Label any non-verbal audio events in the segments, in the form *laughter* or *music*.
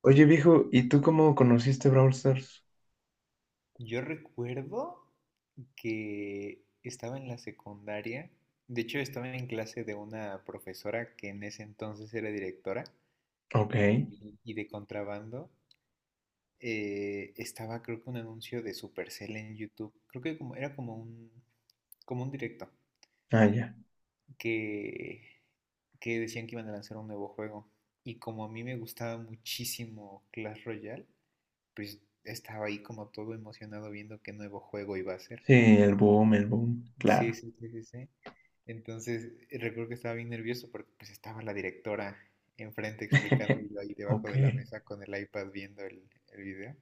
Oye, viejo, ¿y tú cómo conociste Brawl Stars? Yo recuerdo que estaba en la secundaria, de hecho estaba en clase de una profesora que en ese entonces era directora Ok, y de contrabando. Estaba creo que un anuncio de Supercell en YouTube, creo que como, era como un directo, ah, ya. que, que decían que iban a lanzar un nuevo juego. Y como a mí me gustaba muchísimo Clash Royale, pues estaba ahí como todo emocionado viendo qué nuevo juego iba a ser. Sí, el boom, Sí, claro. sí, sí, sí, sí. Entonces, recuerdo que estaba bien nervioso porque pues estaba la directora enfrente explicando y *laughs* yo ahí debajo Ok, de la mesa con el iPad viendo el video.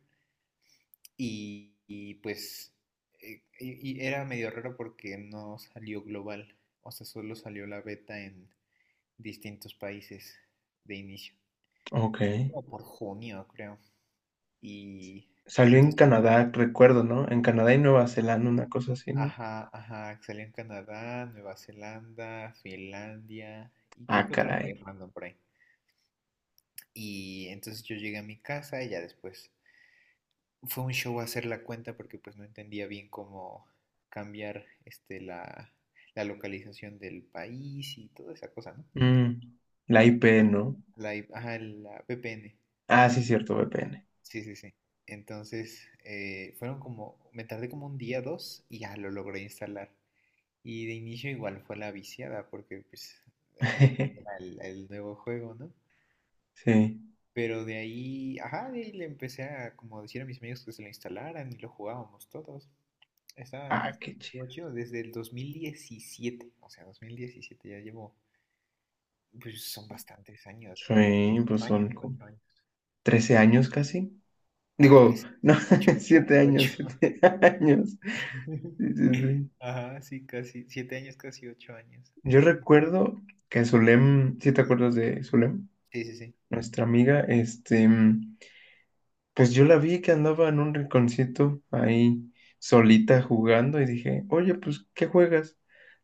Pues era medio raro porque no salió global, o sea, solo salió la beta en distintos países de inicio. ok. Fue como por junio, creo. Y, y Salió en entonces, Canadá, recuerdo, ¿no? En Canadá y Nueva Zelanda, una cosa así, ¿no? ajá, ajá, salió en Canadá, Nueva Zelanda, Finlandia y creo Ah, que otro caray. país random por ahí. Y entonces yo llegué a mi casa y ya después fue un show hacer la cuenta porque pues no entendía bien cómo cambiar la localización del país y toda esa cosa, ¿no? Mm, la IP, ¿no? Ajá, la VPN, Ah, sí, VPN. cierto, VPN. Sí, sí, sí. Entonces, fueron como, me tardé como un día, dos, y ya lo logré instalar. Y de inicio igual fue la viciada, porque pues eh, era *laughs* el nuevo juego, ¿no? Sí. Pero de ahí, ajá, de ahí le empecé a como decir a mis amigos que se lo instalaran y lo jugábamos todos. Estaba, Ah, qué chido. estuvo chido desde el 2017, o sea, 2017 ya llevo, pues son bastantes años, ¿qué? Sí, pues Ocho son años, como 8 años. 13 años casi. Ahora Digo, tres, no, ocho, *laughs* ocho, 7 años, ocho. 7 años. *laughs* Sí, sí, sí. Ajá, sí, casi, 7 años, casi 8 años. Yo Sí, recuerdo que Zulem, si te acuerdas de Zulem, sí, sí, sí. nuestra amiga, este, pues yo la vi que andaba en un rinconcito ahí solita jugando y dije, oye, pues, ¿qué juegas?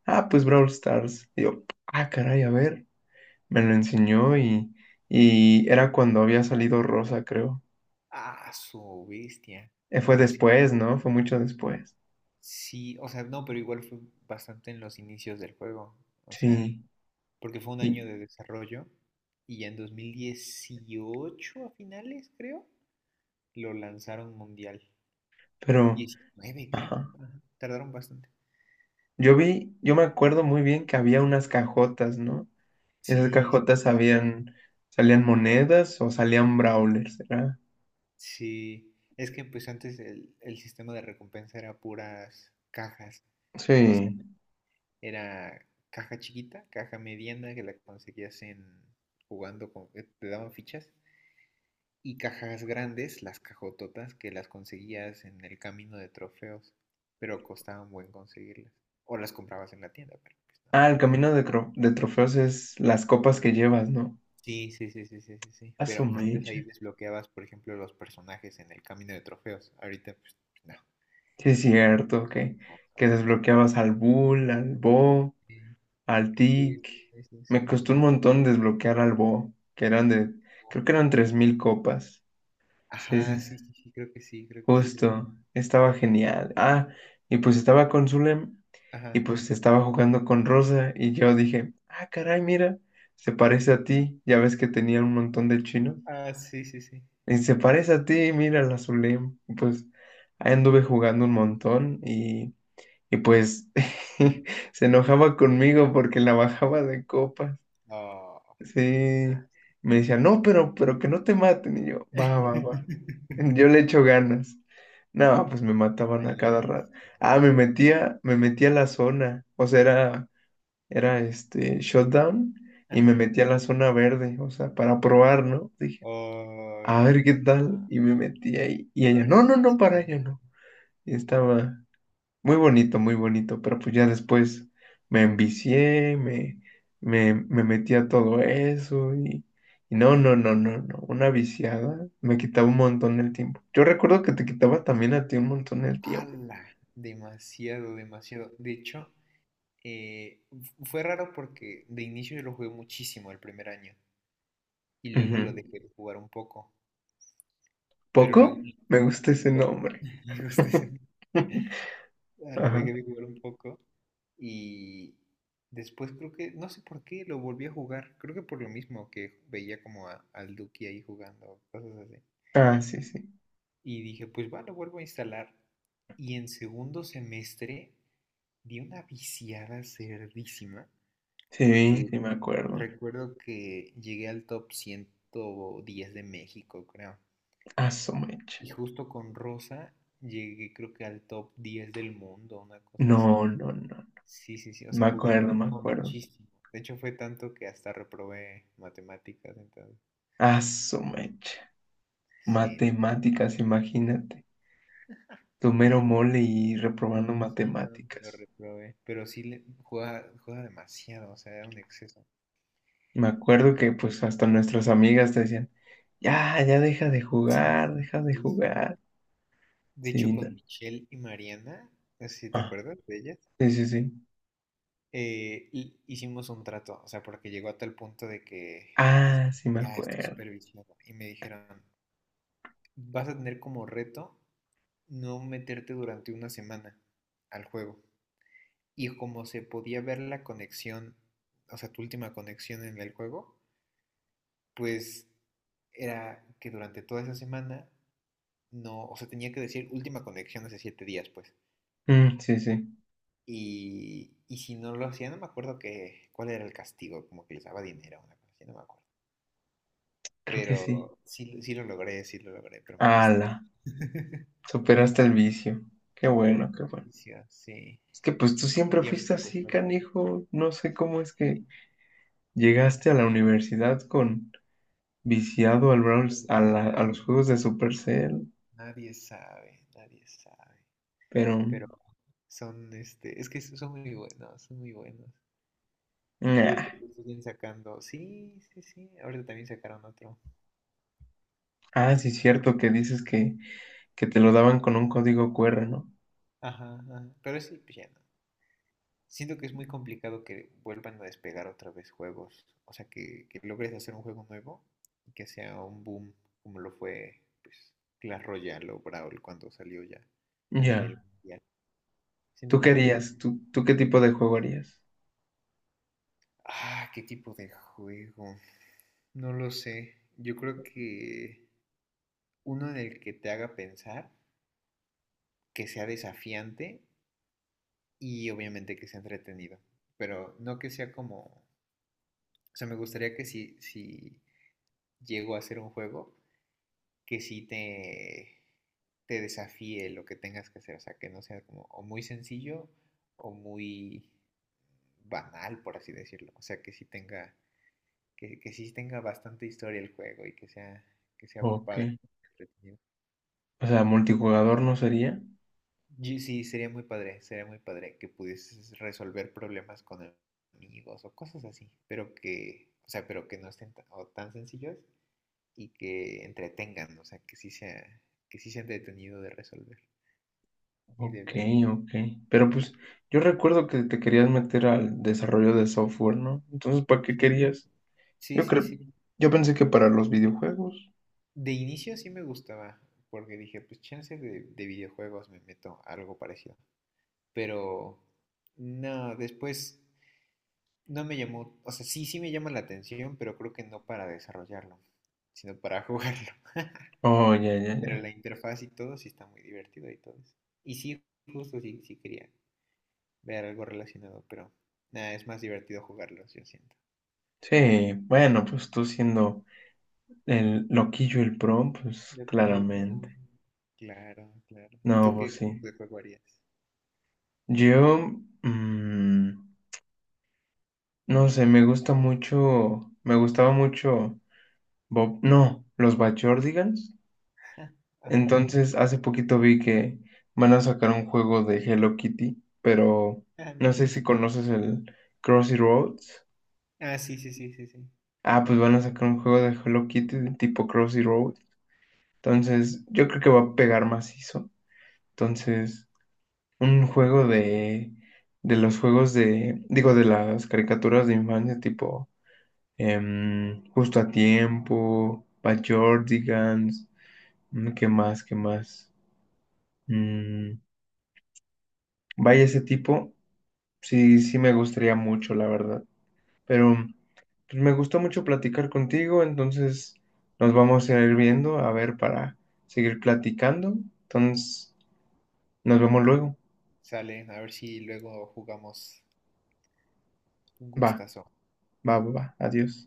Ah, pues Brawl Stars. Y yo, ah, caray, a ver. Me lo enseñó y era cuando había salido Rosa, creo. Ah, su bestia. Fue No, sí, después, ¿no? Fue mucho después. sí, o sea, no, pero igual fue bastante en los inicios del juego. O sea, Sí, porque fue un y- año de desarrollo y ya en 2018 a finales, creo, lo lanzaron mundial. pero, 19, creo. ajá. Ajá, tardaron bastante. Yo vi, yo me acuerdo muy bien que había unas cajotas, ¿no? Esas Sí, sí, cajotas sí, sí, sí. sabían, salían monedas o salían brawlers, ¿verdad? Sí, es que pues antes el sistema de recompensa era puras cajas. O sea, Sí. era caja chiquita, caja mediana que la conseguías en jugando con que te daban fichas y cajas grandes, las cajototas, que las conseguías en el camino de trofeos, pero costaban buen conseguirlas. O las comprabas en la tienda, pero pues no. Ah, el camino de, de trofeos es las copas que llevas, ¿no? Sí, sí, sí, sí, sí, sí, sí. A su Pero antes ahí mecha. desbloqueabas, por ejemplo, los personajes en el camino de trofeos. Ahorita, pues, no. Sí, es Lo- cierto no, que otro. desbloqueabas al Bull, al Bo, Sí, al sí, Tic. sí, sí, Me sí. costó un montón desbloquear al Bo, que eran de, creo que eran 3000 copas. Sí, sí, Ajá, sí. sí, sí, sí, creo que sí, creo que sí, creo que Justo, estaba genial. Ah, y pues estaba con Zulem y ajá. pues estaba jugando con Rosa y yo dije, ah, caray, mira, se parece a ti, ya ves que tenía un montón de chinos. Ah, sí, sí, sí. Y se parece a ti, mira la Zulem. Y pues ahí anduve jugando un montón y pues *laughs* se enojaba conmigo porque la bajaba de copas. Oh. Sí, me decía, no, pero que no te maten. Y yo, va, va, va. *laughs* Yo le *laughs* echo ganas. No, pues me mataban a cada rato. Malísimo Ah, el rol. Me metía a la zona. O sea, era este shutdown y me Ajá. metía a la zona verde. O sea, para probar, ¿no? Dije, Oh, a ver qué tal. ah, Y me metí ahí. Y a ella, ver no, si se no, no, hace para daño. ello no. Y estaba, muy bonito, pero pues ya después me envicié, me metí a todo eso y no, no, no, no, no, una viciada me quitaba un montón el tiempo. Yo recuerdo que te quitaba también a ti un montón el tiempo. ¡Hala! Demasiado, demasiado. De hecho, fue raro porque de inicio yo lo jugué muchísimo el primer año y luego lo Ujú. dejé de jugar un poco, pero ¿Poco? luego un Me gusta ese poco, *laughs* nombre. *laughs* Ah, lo Ajá. dejé de jugar un poco y después creo que, no sé por qué, lo volví a jugar. Creo que por lo mismo que veía como al Duki ahí jugando, cosas así. Ah, sí, sí. Y dije, pues va, lo vuelvo a instalar. Y en segundo semestre di una viciada cerdísima, Sí, porque sí, me acuerdo. recuerdo que llegué al top 110 de México, creo. Ah, su mecha. Y justo con Rosa llegué creo que al top 10 del mundo, una cosa así. No, no, no. Sí, sí, sí, o Me sea, jugué un acuerdo, me juego acuerdo. muchísimo. De hecho, fue tanto que hasta reprobé matemáticas, entonces. Ah, su mecha. Sí, Matemáticas, imagínate. Tu mero mole y pero reprobando sí, no, lo matemáticas. reprobé. Pero sí le, juega, juega demasiado, o sea, era un exceso. Y me acuerdo Y que pues hasta nuestras amigas te decían, ya, ya deja de sí, jugar, deja de sí, sí. jugar. De Sí, hecho, con no. Michelle y Mariana, no sé si te Ah, acuerdas de ellas, sí, sí, sí. Hicimos un trato, o sea, porque llegó a tal punto de que les- Ah, sí me ya estoy acuerdo. súper viciado. Y me dijeron, vas a tener como reto no meterte durante 1 semana al juego. Y como se podía ver la conexión, o sea, tu última conexión en el juego. Pues era que durante toda esa semana no, o sea, tenía que decir última conexión hace 7 días, pues. Mm, sí, sí, Y si no lo hacía, no me acuerdo que, cuál era el castigo, como que les daba dinero, o una cosa así, no me acuerdo. creo que sí. Pero sí, sí lo logré, pero me costó. Ala, *laughs* superaste el vicio. Qué Súper bueno, qué bueno. difícil, sí. Es que pues tú siempre fuiste Pues así, no sabes, canijo. No sé cómo es que sí. llegaste a la universidad con viciado al Brawl, a, Oclusión, a los juegos de Supercell, nadie sabe, nadie sabe. pero... Pero son, este, es que son muy buenos, son muy buenos. Y nah. ahorita justo siguen sacando. Sí, sí, sí. Ahorita también sacaron otro. Ah, sí, es cierto que dices que te lo daban con un código QR, ¿no? Ajá, ajá. Pero sí, pues ya no. Siento que es muy complicado que vuelvan a despegar otra vez juegos. O sea, que logres hacer un juego nuevo y que sea un boom como lo fue, pues, Clash Royale o Brawl cuando salió ya a nivel Ya. mundial. Siento ¿Tú que qué es muy... harías? ¿Tú qué tipo de juego harías? Ah, ¿qué tipo de juego? No lo sé. Yo creo que uno en el que te haga pensar, que sea desafiante y obviamente que sea entretenido, pero no que sea como, o sea, me gustaría que si llego a hacer un juego, que te desafíe lo que tengas que hacer, o sea, que no sea como o muy sencillo o muy banal, por así decirlo, o sea, que sí tenga, que sí tenga bastante historia el juego y que sea Ok. padre. Entretenido. O sea, multijugador no sería. Sí, sería muy padre que pudieses resolver problemas con amigos o cosas así, pero que, o sea, pero que no estén o tan sencillos y que entretengan, o sea, que sí sea, que sí sea entretenido de resolver y de Ok, ver. ok. Pero Y pues yo recuerdo que te querías meter al desarrollo de software, ¿no? Entonces, ¿para qué sí, querías? sí, Yo sí, creo, sí. yo pensé que para los videojuegos. De inicio sí me gustaba, porque dije, pues chance de videojuegos me meto a algo parecido, pero no, después. No me llamó, o sea, sí, sí me llama la atención, pero creo que no para desarrollarlo, sino para jugarlo. *laughs* Oh, ya, ya, Pero la ya. interfaz y todo sí está muy divertido y todo eso. Y sí, justo sí, sí quería ver algo relacionado, pero nada, es más divertido jugarlo, yo siento. Sí, bueno, pues tú siendo el loquillo, el pro, pues De aquí el... pan. claramente. Claro, claro. ¿Y No, tú qué pues sí. tipo de juego harías? Yo, mm, no sé, me gusta mucho, me gustaba mucho Bob, no, los Bachordigans. *laughs* Ajá, Entonces, hace poquito vi que van a sacar un juego de Hello Kitty, pero ah, no no sé invento. si conoces el Crossy Roads. Ah, sí, sí, sí, sí, sí. Ah, pues van a sacar un juego de Hello Kitty de tipo Crossy Roads. Entonces, yo creo que va a pegar macizo. Entonces, un juego Puede ser. De los juegos de, digo, de las caricaturas de infancia tipo em, Justo a Tiempo, By Jordigans, mm, ¿qué más? ¿Qué más? Mm, vaya, ese tipo, sí, sí me gustaría mucho, la verdad. Pero pues, me gustó mucho platicar contigo, entonces nos vamos a ir viendo, a ver, para seguir platicando. Entonces, nos vemos luego. Sale, a ver si luego jugamos un Va, gustazo. va, va, va. Adiós.